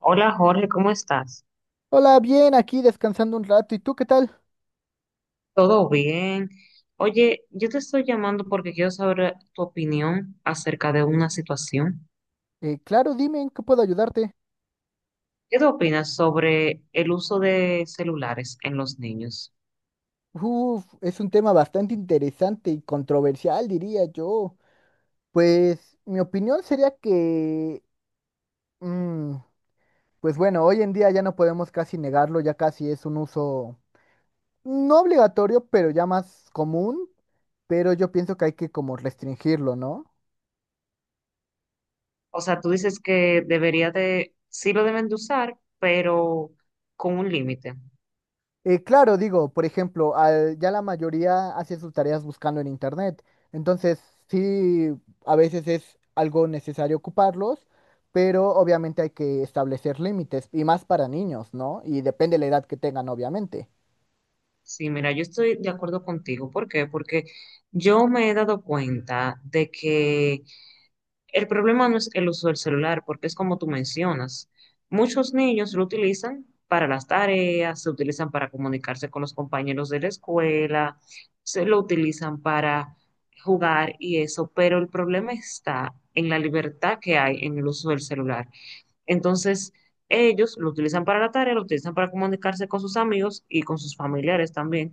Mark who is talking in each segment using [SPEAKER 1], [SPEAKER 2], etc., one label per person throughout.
[SPEAKER 1] Hola Jorge, ¿cómo estás?
[SPEAKER 2] Hola, bien, aquí descansando un rato. ¿Y tú qué tal?
[SPEAKER 1] ¿Todo bien? Oye, yo te estoy llamando porque quiero saber tu opinión acerca de una situación.
[SPEAKER 2] Claro, dime en qué puedo ayudarte.
[SPEAKER 1] ¿Qué tú opinas sobre el uso de celulares en los niños?
[SPEAKER 2] Uf, es un tema bastante interesante y controversial, diría yo. Pues mi opinión sería que, mm, pues bueno, hoy en día ya no podemos casi negarlo, ya casi es un uso no obligatorio, pero ya más común, pero yo pienso que hay que como restringirlo, ¿no?
[SPEAKER 1] O sea, tú dices que debería de, sí lo deben de usar, pero con un límite.
[SPEAKER 2] Claro, digo, por ejemplo, ya la mayoría hace sus tareas buscando en internet. Entonces, sí, a veces es algo necesario ocuparlos, pero obviamente hay que establecer límites, y más para niños, ¿no? Y depende de la edad que tengan, obviamente.
[SPEAKER 1] Sí, mira, yo estoy de acuerdo contigo. ¿Por qué? Porque yo me he dado cuenta de que el problema no es el uso del celular, porque es como tú mencionas. Muchos niños lo utilizan para las tareas, se utilizan para comunicarse con los compañeros de la escuela, se lo utilizan para jugar y eso, pero el problema está en la libertad que hay en el uso del celular. Entonces, ellos lo utilizan para la tarea, lo utilizan para comunicarse con sus amigos y con sus familiares también,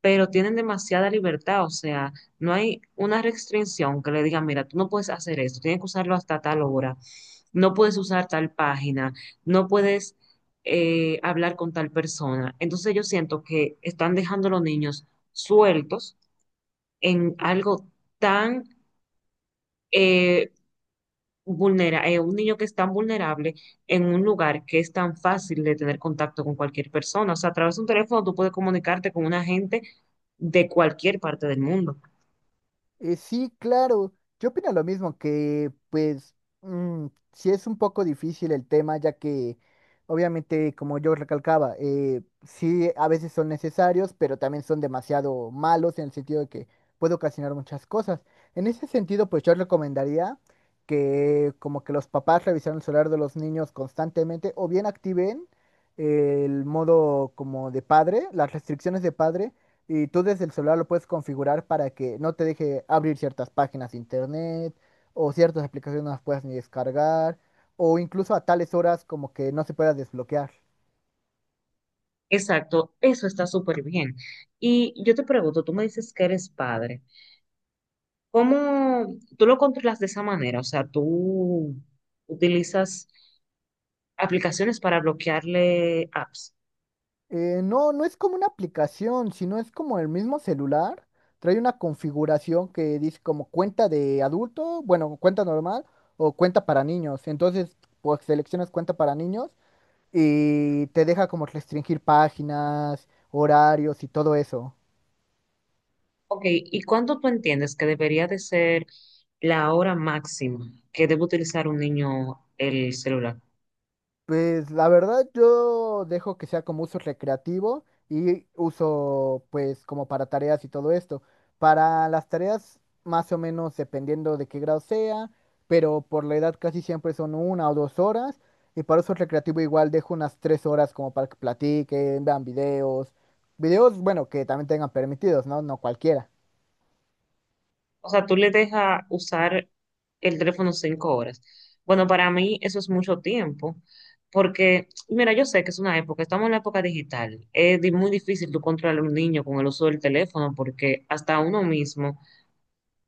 [SPEAKER 1] pero tienen demasiada libertad, o sea, no hay una restricción que le diga, mira, tú no puedes hacer esto, tienes que usarlo hasta tal hora, no puedes usar tal página, no puedes hablar con tal persona. Entonces yo siento que están dejando a los niños sueltos en algo tan eh, un niño que es tan vulnerable en un lugar que es tan fácil de tener contacto con cualquier persona. O sea, a través de un teléfono tú puedes comunicarte con una gente de cualquier parte del mundo.
[SPEAKER 2] Sí, claro. Yo opino lo mismo, que pues mm, sí es un poco difícil el tema, ya que obviamente, como yo recalcaba, sí a veces son necesarios, pero también son demasiado malos en el sentido de que puede ocasionar muchas cosas. En ese sentido, pues yo recomendaría que como que los papás revisaran el celular de los niños constantemente o bien activen el modo como de padre, las restricciones de padre y tú desde el celular lo puedes configurar para que no te deje abrir ciertas páginas de internet o ciertas aplicaciones no las puedas ni descargar o incluso a tales horas como que no se pueda desbloquear.
[SPEAKER 1] Exacto, eso está súper bien. Y yo te pregunto, tú me dices que eres padre, ¿cómo tú lo controlas de esa manera? O sea, tú utilizas aplicaciones para bloquearle apps.
[SPEAKER 2] No, no es como una aplicación, sino es como el mismo celular. Trae una configuración que dice como cuenta de adulto, bueno, cuenta normal o cuenta para niños. Entonces, pues seleccionas cuenta para niños y te deja como restringir páginas, horarios y todo eso.
[SPEAKER 1] Ok, ¿y cuánto tú entiendes que debería de ser la hora máxima que debe utilizar un niño el celular?
[SPEAKER 2] Pues la verdad yo dejo que sea como uso recreativo y uso pues como para tareas y todo esto. Para las tareas más o menos dependiendo de qué grado sea, pero por la edad casi siempre son 1 o 2 horas. Y para uso recreativo igual dejo unas 3 horas como para que platiquen, vean videos. Videos, bueno, que también tengan permitidos, ¿no? No cualquiera.
[SPEAKER 1] O sea, tú le dejas usar el teléfono 5 horas. Bueno, para mí eso es mucho tiempo, porque, mira, yo sé que es una época, estamos en la época digital. Es muy difícil tú controlar a un niño con el uso del teléfono, porque hasta uno mismo,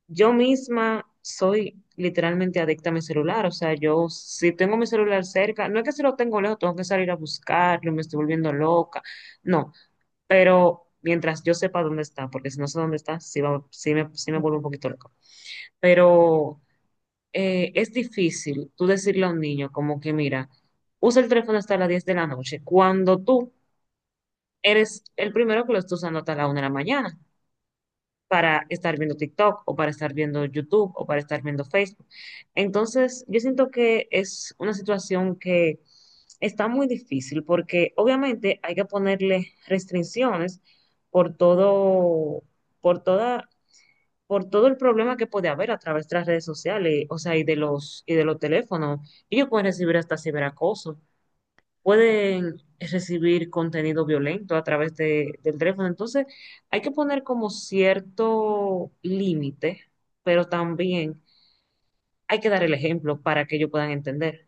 [SPEAKER 1] yo misma soy literalmente adicta a mi celular. O sea, yo si tengo mi celular cerca, no es que si lo tengo lejos, tengo que salir a buscarlo, me estoy volviendo loca. No, pero mientras yo sepa dónde está, porque si no sé dónde está, sí, va, sí me vuelvo un poquito loca, pero es difícil tú decirle a un niño como que, mira, usa el teléfono hasta las 10 de la noche, cuando tú eres el primero que lo está usando hasta la 1 de la mañana para estar viendo TikTok o para estar viendo YouTube o para estar viendo Facebook. Entonces, yo siento que es una situación que está muy difícil porque obviamente hay que ponerle restricciones por todo, por todos por todo el problema que puede haber a través de las redes sociales, o sea, y de los teléfonos. Ellos pueden recibir hasta ciberacoso, pueden recibir contenido violento a través del teléfono. Entonces, hay que poner como cierto límite, pero también hay que dar el ejemplo para que ellos puedan entender.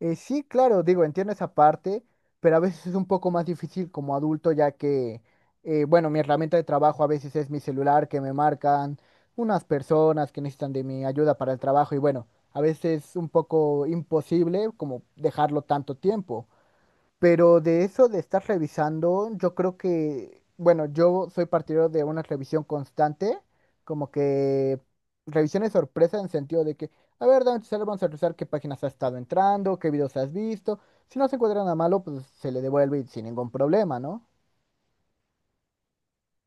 [SPEAKER 2] Sí, claro, digo, entiendo esa parte, pero a veces es un poco más difícil como adulto, ya que, bueno, mi herramienta de trabajo a veces es mi celular, que me marcan unas personas que necesitan de mi ayuda para el trabajo y bueno, a veces es un poco imposible como dejarlo tanto tiempo. Pero de eso de estar revisando, yo creo que, bueno, yo soy partidario de una revisión constante, como que revisiones sorpresa en sentido de que, a ver, dame tu celular, vamos a revisar qué páginas has estado entrando, qué videos has visto. Si no se encuentra nada malo, pues se le devuelve y sin ningún problema, ¿no?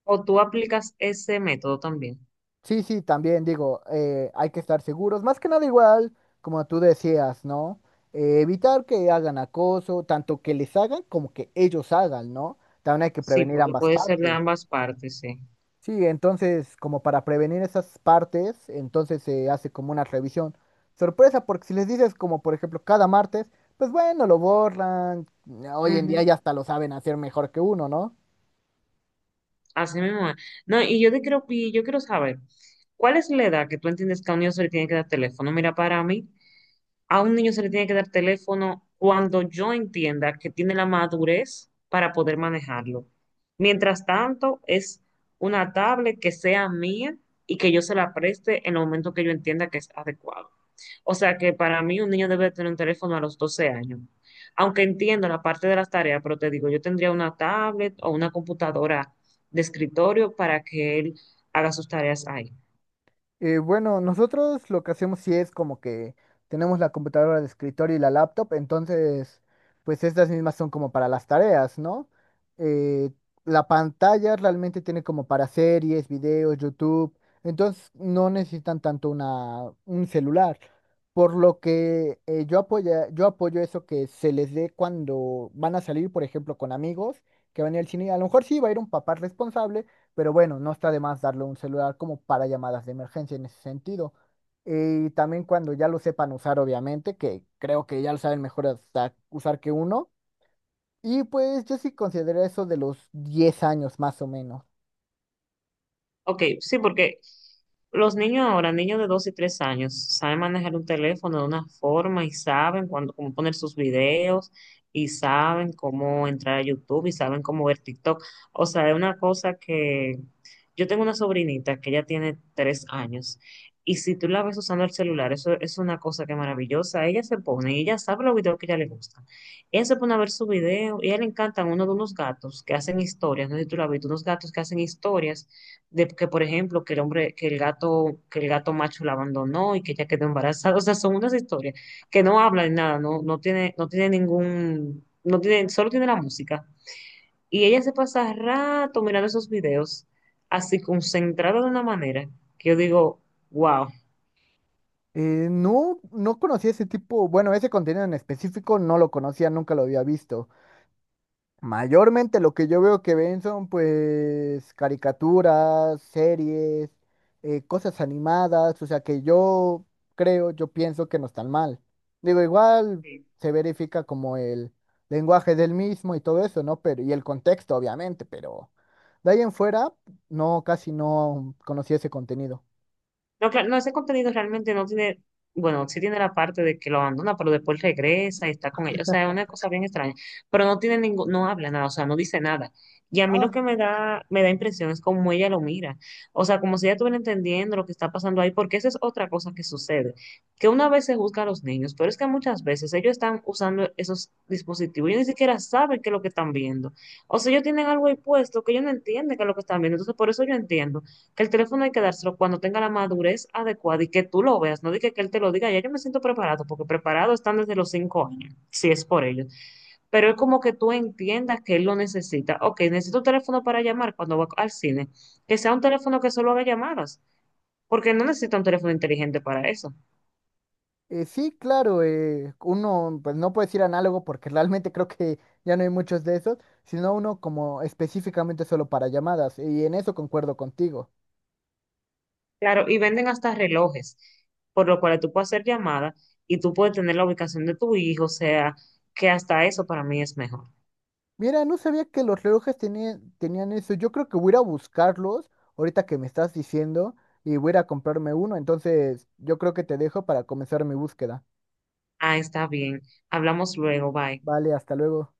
[SPEAKER 1] O tú aplicas ese método también.
[SPEAKER 2] Sí, sí, también digo, hay que estar seguros, más que nada igual, como tú decías, ¿no? Evitar que hagan acoso, tanto que les hagan como que ellos hagan, ¿no? También hay que
[SPEAKER 1] Sí,
[SPEAKER 2] prevenir
[SPEAKER 1] porque
[SPEAKER 2] ambas
[SPEAKER 1] puede ser
[SPEAKER 2] partes.
[SPEAKER 1] de ambas partes, sí.
[SPEAKER 2] Sí, entonces, como para prevenir esas partes, entonces se hace como una revisión. Sorpresa, porque si les dices como por ejemplo cada martes, pues bueno, lo borran. Hoy en día
[SPEAKER 1] Ujú.
[SPEAKER 2] ya hasta lo saben hacer mejor que uno, ¿no?
[SPEAKER 1] Así mismo es. No, y yo quiero saber, ¿cuál es la edad que tú entiendes que a un niño se le tiene que dar teléfono? Mira, para mí, a un niño se le tiene que dar teléfono cuando yo entienda que tiene la madurez para poder manejarlo. Mientras tanto, es una tablet que sea mía y que yo se la preste en el momento que yo entienda que es adecuado. O sea que para mí un niño debe tener un teléfono a los 12 años. Aunque entiendo la parte de las tareas, pero te digo, yo tendría una tablet o una computadora de escritorio para que él haga sus tareas ahí.
[SPEAKER 2] Bueno, nosotros lo que hacemos sí es como que tenemos la computadora de escritorio y la laptop, entonces, pues estas mismas son como para las tareas, ¿no? Eh, la pantalla realmente tiene como para series, videos, YouTube, entonces no necesitan tanto un celular, por lo que yo apoyo eso que se les dé cuando van a salir, por ejemplo, con amigos que van a ir al cine, a lo mejor sí va a ir un papá responsable pero bueno, no está de más darle un celular como para llamadas de emergencia en ese sentido. Y también cuando ya lo sepan usar, obviamente, que creo que ya lo saben mejor hasta usar que uno. Y pues yo sí considero eso de los 10 años más o menos.
[SPEAKER 1] Ok, sí, porque los niños ahora, niños de 2 y 3 años, saben manejar un teléfono de una forma y saben cuándo, cómo poner sus videos y saben cómo entrar a YouTube y saben cómo ver TikTok. O sea, es una cosa que yo tengo una sobrinita que ya tiene 3 años y si tú la ves usando el celular, eso es una cosa que es maravillosa. Ella se pone, y ella sabe los videos que a ella le gustan. Ella se pone a ver su video y a ella le encantan uno de unos gatos que hacen historias, no sé si tú la has visto, unos gatos que hacen historias de que, por ejemplo, que el hombre, que el gato macho la abandonó y que ella quedó embarazada. O sea, son unas historias que no hablan nada, no, no tiene, solo tiene la música. Y ella se pasa rato mirando esos videos, así concentrada de una manera que yo digo, wow.
[SPEAKER 2] No, no conocía ese tipo, bueno, ese contenido en específico no lo conocía, nunca lo había visto. Mayormente lo que yo veo que ven son pues caricaturas, series, cosas animadas, o sea que yo creo, yo pienso que no están mal. Digo, igual se verifica como el lenguaje del mismo y todo eso, ¿no? Pero, y el contexto, obviamente, pero de ahí en fuera, no, casi no conocí ese contenido.
[SPEAKER 1] No, claro, no, ese contenido realmente no tiene, bueno, sí tiene la parte de que lo abandona, pero después regresa y está con ellos. O sea, es una cosa bien extraña. Pero no tiene ningún, no habla nada, o sea, no dice nada. Y a mí lo
[SPEAKER 2] Ah.
[SPEAKER 1] que me da impresión es cómo ella lo mira. O sea, como si ella estuviera entendiendo lo que está pasando ahí, porque esa es otra cosa que sucede. Que una vez se juzga a los niños, pero es que muchas veces ellos están usando esos dispositivos. Ellos ni siquiera saben qué es lo que están viendo. O sea, ellos tienen algo ahí puesto que ellos no entienden qué es lo que están viendo. Entonces, por eso yo entiendo que el teléfono hay que dárselo cuando tenga la madurez adecuada y que tú lo veas, no diga que él te lo diga, ya yo me siento preparado, porque preparado están desde los 5 años, si es por ellos. Pero es como que tú entiendas que él lo necesita. Ok, necesito un teléfono para llamar cuando va al cine, que sea un teléfono que solo haga llamadas, porque no necesita un teléfono inteligente para eso.
[SPEAKER 2] Sí, claro, uno, pues no puede decir análogo porque realmente creo que ya no hay muchos de esos, sino uno como específicamente solo para llamadas, y en eso concuerdo contigo.
[SPEAKER 1] Claro, y venden hasta relojes, por lo cual tú puedes hacer llamadas y tú puedes tener la ubicación de tu hijo, o sea, que hasta eso para mí es mejor.
[SPEAKER 2] Mira, no sabía que los relojes tenían, tenían eso, yo creo que voy a ir a buscarlos ahorita que me estás diciendo y voy a ir a comprarme uno, entonces yo creo que te dejo para comenzar mi búsqueda.
[SPEAKER 1] Ah, está bien. Hablamos luego, bye.
[SPEAKER 2] Vale, hasta luego.